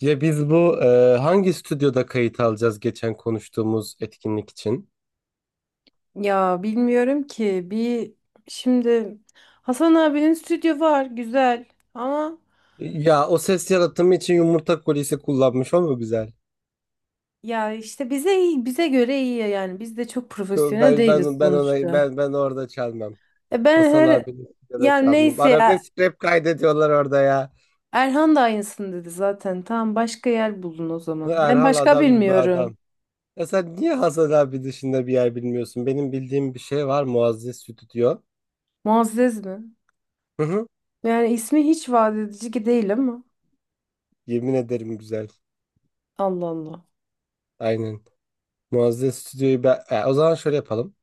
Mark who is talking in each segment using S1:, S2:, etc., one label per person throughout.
S1: Ya biz hangi stüdyoda kayıt alacağız geçen konuştuğumuz etkinlik için?
S2: Ya, bilmiyorum ki bir şimdi Hasan abinin stüdyo var, güzel ama.
S1: Ya o ses yaratımı için yumurta kolisi kullanmış, o mu güzel?
S2: Ya işte bize iyi, bize göre iyi ya, yani biz de çok
S1: Şu-
S2: profesyonel
S1: Ben
S2: değiliz
S1: ben ben ona
S2: sonuçta.
S1: ben ben orada çalmam.
S2: E ben
S1: Hasan
S2: her
S1: abinin stüdyoda
S2: Ya
S1: çalmam.
S2: neyse ya,
S1: Arabesk rap kaydediyorlar orada ya.
S2: Erhan da aynısını dedi zaten. Tamam, başka yer bulun o zaman. Ben
S1: Erhal
S2: başka
S1: adam gibi
S2: bilmiyorum.
S1: adam. Ya sen niye Hasan abi dışında bir yer bilmiyorsun? Benim bildiğim bir şey var, Muazzez Stüdyo.
S2: Muazzez mi?
S1: Hı hı.
S2: Yani ismi hiç vaat edici ki değil ama.
S1: Yemin ederim güzel.
S2: Allah Allah.
S1: Aynen. Muazzez Stüdyo'yu ben... O zaman şöyle yapalım.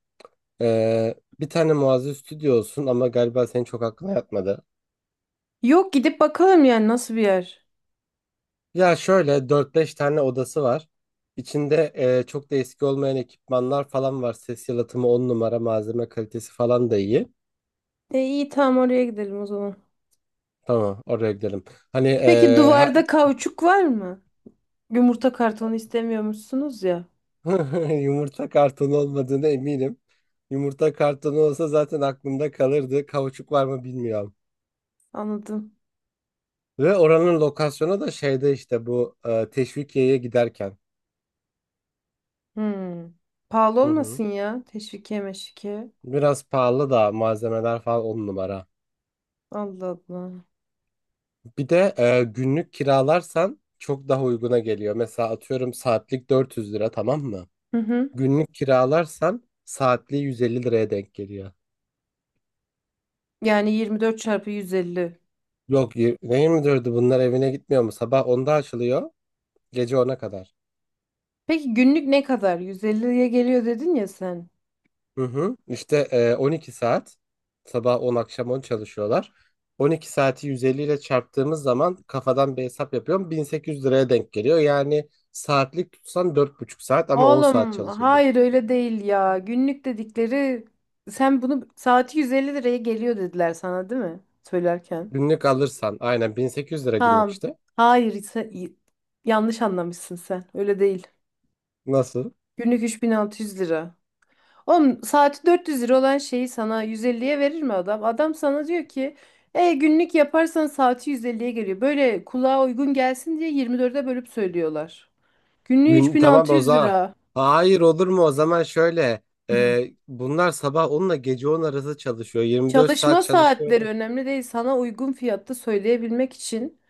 S1: Bir tane Muazzez Stüdyo olsun, ama galiba senin çok aklına yatmadı.
S2: Yok, gidip bakalım yani nasıl bir yer.
S1: Ya şöyle dört beş tane odası var. İçinde çok da eski olmayan ekipmanlar falan var. Ses yalıtımı 10 numara, malzeme kalitesi falan da iyi.
S2: E iyi, tamam, oraya gidelim o zaman.
S1: Tamam, oraya gidelim. Hani
S2: Peki
S1: e, ha-
S2: duvarda kauçuk var mı? Yumurta kartonu istemiyormuşsunuz ya.
S1: Yumurta kartonu olmadığına eminim. Yumurta kartonu olsa zaten aklımda kalırdı. Kauçuk var mı bilmiyorum.
S2: Anladım.
S1: Ve oranın lokasyonu da şeyde, işte Teşvikiye'ye giderken.
S2: Hmm. Pahalı
S1: Hı hı.
S2: olmasın ya. Teşvikiye meşvikiye.
S1: Biraz pahalı da, malzemeler falan on numara.
S2: Allah Allah.
S1: Bir de günlük kiralarsan çok daha uyguna geliyor. Mesela atıyorum, saatlik 400 lira, tamam mı?
S2: Hı hı.
S1: Günlük kiralarsan saatliği 150 liraya denk geliyor.
S2: Yani 24 çarpı 150.
S1: Yok, ne 24'ü, bunlar evine gitmiyor mu? Sabah onda açılıyor. Gece 10'a kadar.
S2: Peki günlük ne kadar? 150'ye geliyor dedin ya sen.
S1: Hı hı. İşte 12 saat, sabah 10 akşam 10 çalışıyorlar. 12 saati 150 ile çarptığımız zaman, kafadan bir hesap yapıyorum, 1800 liraya denk geliyor. Yani saatlik tutsan dört buçuk saat, ama 10 saat
S2: Oğlum hayır,
S1: çalışabiliyorsun.
S2: öyle değil ya. Günlük dedikleri, sen bunu saati 150 liraya geliyor dediler sana değil mi? Söylerken.
S1: Günlük alırsan aynen 1800 lira günlük
S2: Tamam.
S1: işte.
S2: Hayır, yanlış anlamışsın sen. Öyle değil.
S1: Nasıl?
S2: Günlük 3600 lira. Oğlum, saati 400 lira olan şeyi sana 150'ye verir mi adam? Adam sana diyor ki günlük yaparsan saati 150'ye geliyor. Böyle kulağa uygun gelsin diye 24'e bölüp söylüyorlar. Günlüğü
S1: Gün, tamam o
S2: 3600
S1: zaman.
S2: lira.
S1: Hayır, olur mu? O zaman şöyle, bunlar sabah 10 ile gece 10 arası çalışıyor. 24 saat
S2: Çalışma
S1: çalışıyor.
S2: saatleri önemli değil. Sana uygun fiyatta söyleyebilmek için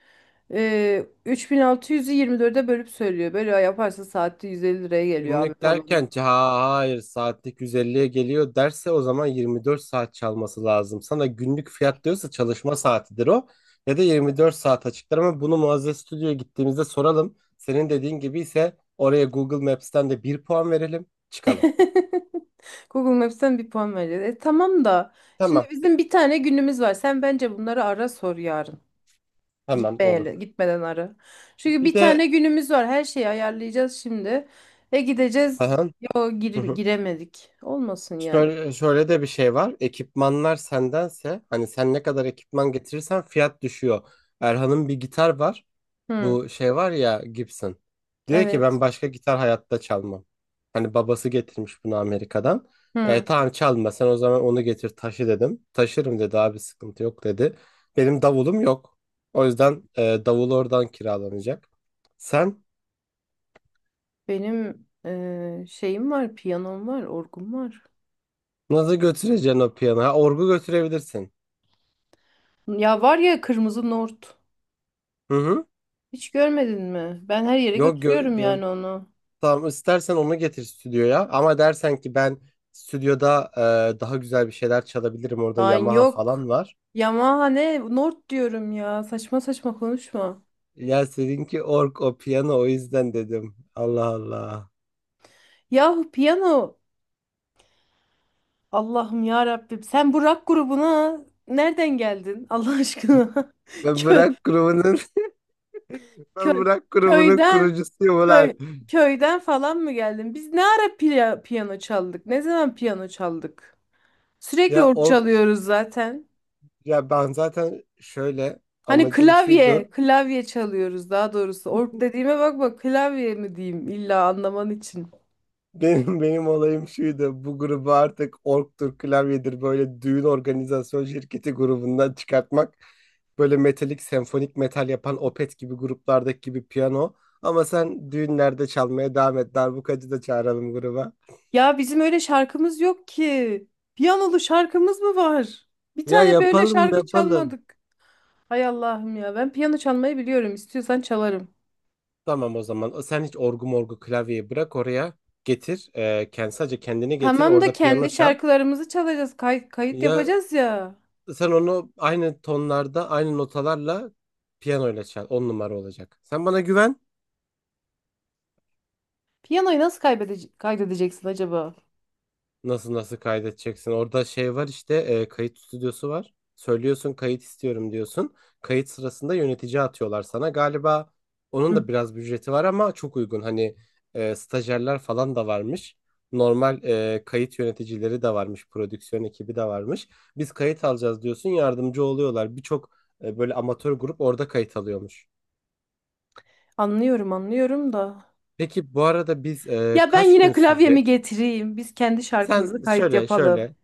S2: 3600'ü 24'e bölüp söylüyor. Böyle yaparsa saatte 150 liraya geliyor abi
S1: Günlük
S2: falan.
S1: derken ki, ha hayır, saatlik 150'ye geliyor derse, o zaman 24 saat çalması lazım. Sana günlük fiyat diyorsa çalışma saatidir o, ya da 24 saat açıklar. Ama bunu Muazzez Stüdyo'ya gittiğimizde soralım. Senin dediğin gibi ise oraya Google Maps'ten de bir puan verelim, çıkalım.
S2: Google Maps'ten bir puan vereceğiz. E, tamam da şimdi
S1: Tamam,
S2: bizim bir tane günümüz var. Sen bence bunları ara sor yarın.
S1: tamam olur.
S2: Gitmeyeli, gitmeden ara. Çünkü
S1: Bir
S2: bir
S1: de
S2: tane günümüz var. Her şeyi ayarlayacağız şimdi. Ve gideceğiz.
S1: aha, hı hı.
S2: Giremedik. Olmasın yani.
S1: Şöyle, şöyle de bir şey var, ekipmanlar sendense, hani sen ne kadar ekipman getirirsen fiyat düşüyor. Erhan'ın bir gitar var.
S2: Hı,
S1: Bu şey var ya, Gibson. Diyor ki,
S2: evet.
S1: ben başka gitar hayatta çalmam. Hani babası getirmiş bunu Amerika'dan. E,
S2: Hı.
S1: tamam, çalma sen o zaman, onu getir, taşı dedim. Taşırım dedi, abi sıkıntı yok dedi. Benim davulum yok. O yüzden davul oradan kiralanacak. Sen
S2: Benim şeyim var, piyanom var, orgum var.
S1: nasıl götüreceksin o piyano? Ha, orgu götürebilirsin.
S2: Ya var ya, kırmızı nort.
S1: Hı hı.
S2: Hiç görmedin mi? Ben her yere
S1: Yok gö
S2: götürüyorum
S1: gör
S2: yani onu.
S1: Tamam, istersen onu getir stüdyoya. Ama dersen ki, ben stüdyoda daha güzel bir şeyler çalabilirim, orada
S2: Lan
S1: Yamaha falan
S2: yok.
S1: var.
S2: Yamaha ne? Nord diyorum ya. Saçma saçma konuşma.
S1: Ya seninki org, o piyano, o yüzden dedim. Allah Allah.
S2: Yahu piyano. Allah'ım ya Rabbim. Sen bu rock grubuna nereden geldin? Allah aşkına.
S1: Ben
S2: Köy,
S1: Bırak grubunun Ben
S2: köy,
S1: Bırak grubunun
S2: köyden,
S1: kurucusuyum
S2: köy,
S1: ulan.
S2: köyden falan mı geldin? Biz ne ara piyano çaldık? Ne zaman piyano çaldık? Sürekli
S1: Ya
S2: org
S1: org
S2: çalıyoruz zaten.
S1: ya ben zaten şöyle
S2: Hani
S1: Amacım şuydu.
S2: klavye, klavye çalıyoruz daha doğrusu. Org dediğime bakma, klavye mi diyeyim illa anlaman için.
S1: Benim olayım şuydu. Bu grubu artık orgtur klavyedir böyle düğün organizasyon şirketi grubundan çıkartmak. Böyle metalik, senfonik metal yapan Opet gibi gruplardaki gibi piyano. Ama sen düğünlerde çalmaya devam et. Darbukacı da çağıralım gruba.
S2: Ya bizim öyle şarkımız yok ki. Piyanolu şarkımız mı var? Bir
S1: Ya
S2: tane böyle
S1: yapalım
S2: şarkı
S1: yapalım.
S2: çalmadık. Hay Allah'ım ya. Ben piyano çalmayı biliyorum. İstiyorsan çalarım.
S1: Tamam o zaman. Sen hiç orgu morgu klavyeyi bırak oraya. Getir. E, kendi, sadece kendini getir.
S2: Tamam da
S1: Orada piyano
S2: kendi
S1: çal.
S2: şarkılarımızı çalacağız. Kayıt
S1: Ya
S2: yapacağız ya.
S1: sen onu aynı tonlarda, aynı notalarla piyanoyla çal. On numara olacak. Sen bana güven.
S2: Piyanoyu nasıl kaydedeceksin acaba?
S1: Nasıl, nasıl kaydedeceksin? Orada şey var işte, kayıt stüdyosu var. Söylüyorsun, kayıt istiyorum diyorsun. Kayıt sırasında yönetici atıyorlar sana. Galiba onun
S2: Hı.
S1: da biraz bir ücreti var, ama çok uygun. Hani stajyerler falan da varmış. Normal kayıt yöneticileri de varmış. Prodüksiyon ekibi de varmış. Biz kayıt alacağız diyorsun, yardımcı oluyorlar. Birçok böyle amatör grup orada kayıt alıyormuş.
S2: Anlıyorum, anlıyorum da.
S1: Peki bu arada biz
S2: Ya ben
S1: kaç
S2: yine
S1: gün
S2: klavyemi
S1: sürecek?
S2: getireyim. Biz kendi şarkımızı
S1: Sen
S2: kayıt
S1: şöyle
S2: yapalım.
S1: şöyle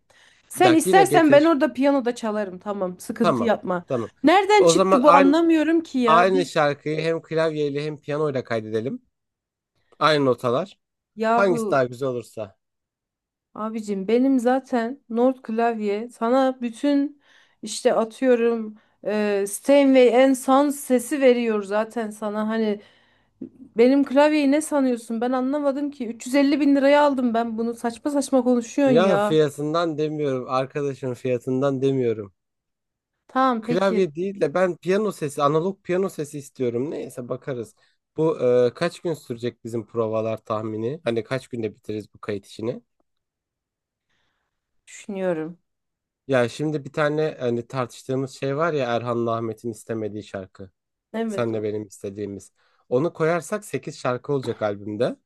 S2: Sen
S1: Bak, yine
S2: istersen ben
S1: getir.
S2: orada piyanoda çalarım. Tamam, sıkıntı
S1: Tamam.
S2: yapma.
S1: Tamam.
S2: Nereden
S1: O zaman
S2: çıktı bu, anlamıyorum ki ya.
S1: aynı şarkıyı hem klavyeyle hem piyanoyla kaydedelim. Aynı notalar. Hangisi
S2: Yahu
S1: daha güzel olursa.
S2: abicim, benim zaten Nord klavye sana bütün işte atıyorum Steinway Sons sesi veriyor zaten sana. Hani benim klavyeyi ne sanıyorsun? Ben anlamadım ki, 350 bin liraya aldım ben bunu. Saçma saçma konuşuyorsun
S1: Ya
S2: ya.
S1: fiyatından demiyorum. Arkadaşın fiyatından demiyorum.
S2: Tamam peki,
S1: Klavye değil de ben piyano sesi, analog piyano sesi istiyorum. Neyse bakarız. Bu Kaç gün sürecek bizim provalar tahmini? Hani kaç günde bitiririz bu kayıt işini?
S2: düşünüyorum.
S1: Ya şimdi bir tane, hani tartıştığımız şey var ya, Erhan'la Ahmet'in istemediği şarkı.
S2: Evet.
S1: Senle benim istediğimiz. Onu koyarsak 8 şarkı olacak albümde.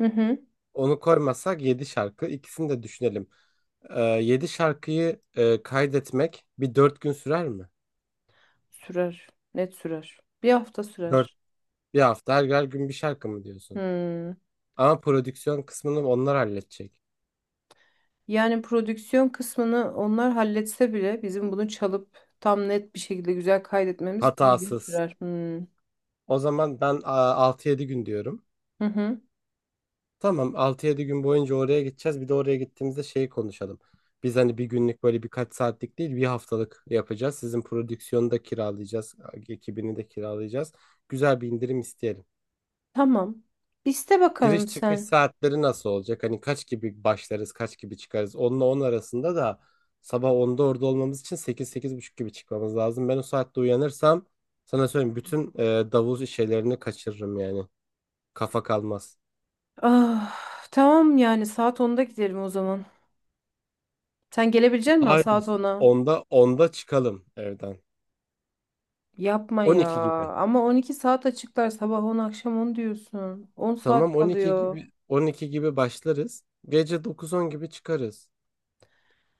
S2: Hı hı.
S1: Onu koymazsak 7 şarkı. İkisini de düşünelim. 7 şarkıyı kaydetmek bir 4 gün sürer mi?
S2: Sürer, net sürer, bir hafta
S1: Dört,
S2: sürer.
S1: Bir hafta, her gün bir şarkı mı diyorsun?
S2: Hmm.
S1: Ama prodüksiyon kısmını onlar halledecek.
S2: Yani prodüksiyon kısmını onlar halletse bile bizim bunu çalıp tam net bir şekilde güzel kaydetmemiz bir gün
S1: Hatasız.
S2: sürer. Hmm.
S1: O zaman ben altı yedi gün diyorum.
S2: Hı hı.
S1: Tamam, altı yedi gün boyunca oraya gideceğiz. Bir de oraya gittiğimizde şeyi konuşalım. Biz hani bir günlük böyle birkaç saatlik değil, bir haftalık yapacağız. Sizin prodüksiyonu da kiralayacağız. Ekibini de kiralayacağız. Güzel bir indirim isteyelim.
S2: Tamam. İste bakalım
S1: Giriş çıkış
S2: sen.
S1: saatleri nasıl olacak? Hani kaç gibi başlarız, kaç gibi çıkarız? Onla 10 arasında da, sabah onda orada olmamız için sekiz sekiz buçuk gibi çıkmamız lazım. Ben o saatte uyanırsam, sana söyleyeyim, bütün davul şeylerini kaçırırım yani. Kafa kalmaz.
S2: Ah, tamam yani saat 10'da gidelim o zaman. Sen gelebilecek misin
S1: Hayır.
S2: saat 10'a?
S1: Onda çıkalım evden.
S2: Yapma ya.
S1: 12 gibi.
S2: Ama 12 saat açıklar, sabah 10 akşam 10 diyorsun. 10 saat
S1: Tamam, 12
S2: kalıyor.
S1: gibi 12 gibi başlarız. Gece 9-10 gibi çıkarız.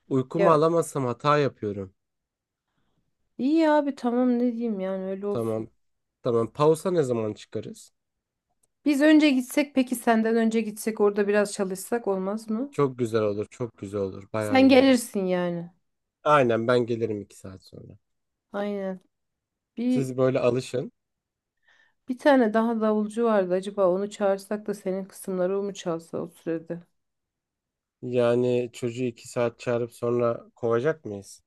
S1: Uykumu
S2: Ya
S1: alamazsam hata yapıyorum.
S2: iyi abi, tamam, ne diyeyim yani, öyle olsun.
S1: Tamam. Tamam. Pausa ne zaman çıkarız?
S2: Biz önce gitsek, peki senden önce gitsek orada biraz çalışsak olmaz mı?
S1: Çok güzel olur. Çok güzel olur. Bayağı
S2: Sen
S1: iyi olur.
S2: gelirsin yani.
S1: Aynen, ben gelirim 2 saat sonra.
S2: Aynen. Bir
S1: Siz böyle alışın.
S2: bir tane daha davulcu vardı. Acaba onu çağırsak da senin kısımları o mu çalsa o sürede?
S1: Yani çocuğu 2 saat çağırıp sonra kovacak mıyız?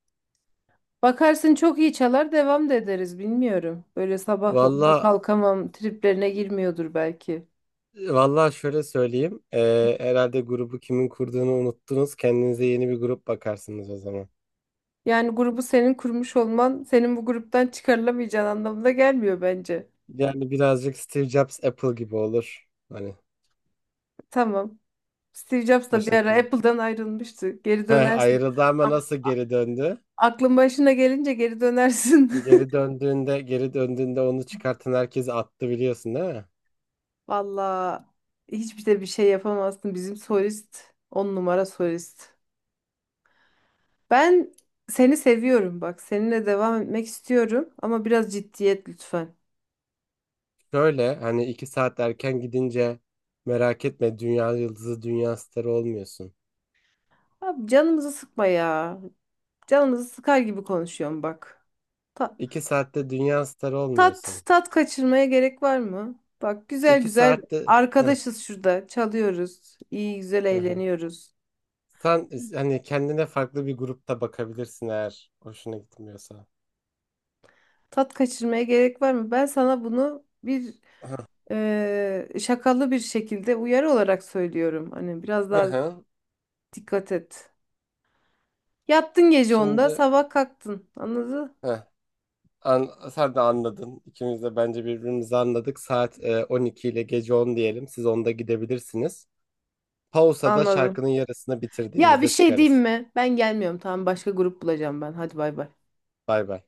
S2: Bakarsın, çok iyi çalar, devam da ederiz, bilmiyorum. Böyle sabah 10'da
S1: Valla
S2: kalkamam triplerine girmiyordur belki.
S1: Valla şöyle söyleyeyim. Herhalde grubu kimin kurduğunu unuttunuz. Kendinize yeni bir grup bakarsınız o zaman.
S2: Yani grubu senin kurmuş olman senin bu gruptan çıkarılamayacağın anlamına gelmiyor bence.
S1: Yani birazcık Steve Jobs Apple gibi olur. Hani
S2: Tamam. Steve Jobs
S1: o
S2: da bir ara
S1: şekilde.
S2: Apple'dan ayrılmıştı. Geri
S1: Heh,
S2: dönersin.
S1: ayrıldı ama
S2: A-
S1: nasıl
S2: a-
S1: geri döndü?
S2: Aklın başına gelince geri dönersin.
S1: Geri döndüğünde onu çıkartan herkesi attı, biliyorsun değil mi?
S2: Valla hiçbir de bir şey yapamazsın. Bizim solist on numara solist. Ben seni seviyorum bak. Seninle devam etmek istiyorum ama biraz ciddiyet lütfen.
S1: Şöyle, hani iki saat erken gidince merak etme, dünya yıldızı dünya starı olmuyorsun.
S2: Abi canımızı sıkma ya. Canımızı sıkar gibi konuşuyorum bak. Ta-
S1: İki saatte dünya starı
S2: tat
S1: olmuyorsun.
S2: tat kaçırmaya gerek var mı? Bak, güzel
S1: İki
S2: güzel
S1: saatte Heh,
S2: arkadaşız şurada. Çalıyoruz. İyi güzel
S1: hı hı.
S2: eğleniyoruz.
S1: Sen hani kendine farklı bir grupta bakabilirsin eğer hoşuna gitmiyorsa.
S2: Tat kaçırmaya gerek var mı? Ben sana bunu bir şakalı bir şekilde uyarı olarak söylüyorum. Hani biraz
S1: Hı
S2: daha
S1: hı.
S2: dikkat et. Yattın gece 10'da,
S1: Şimdi
S2: sabah kalktın. Anladın?
S1: Heh. An, sen de anladın. İkimiz de bence birbirimizi anladık. Saat 12 ile gece 10 diyelim. Siz onda gidebilirsiniz. Pausa'da
S2: Anladım.
S1: şarkının yarısını
S2: Ya bir
S1: bitirdiğimizde
S2: şey diyeyim
S1: çıkarız.
S2: mi? Ben gelmiyorum. Tamam, başka grup bulacağım ben. Hadi bay bay.
S1: Bay bay.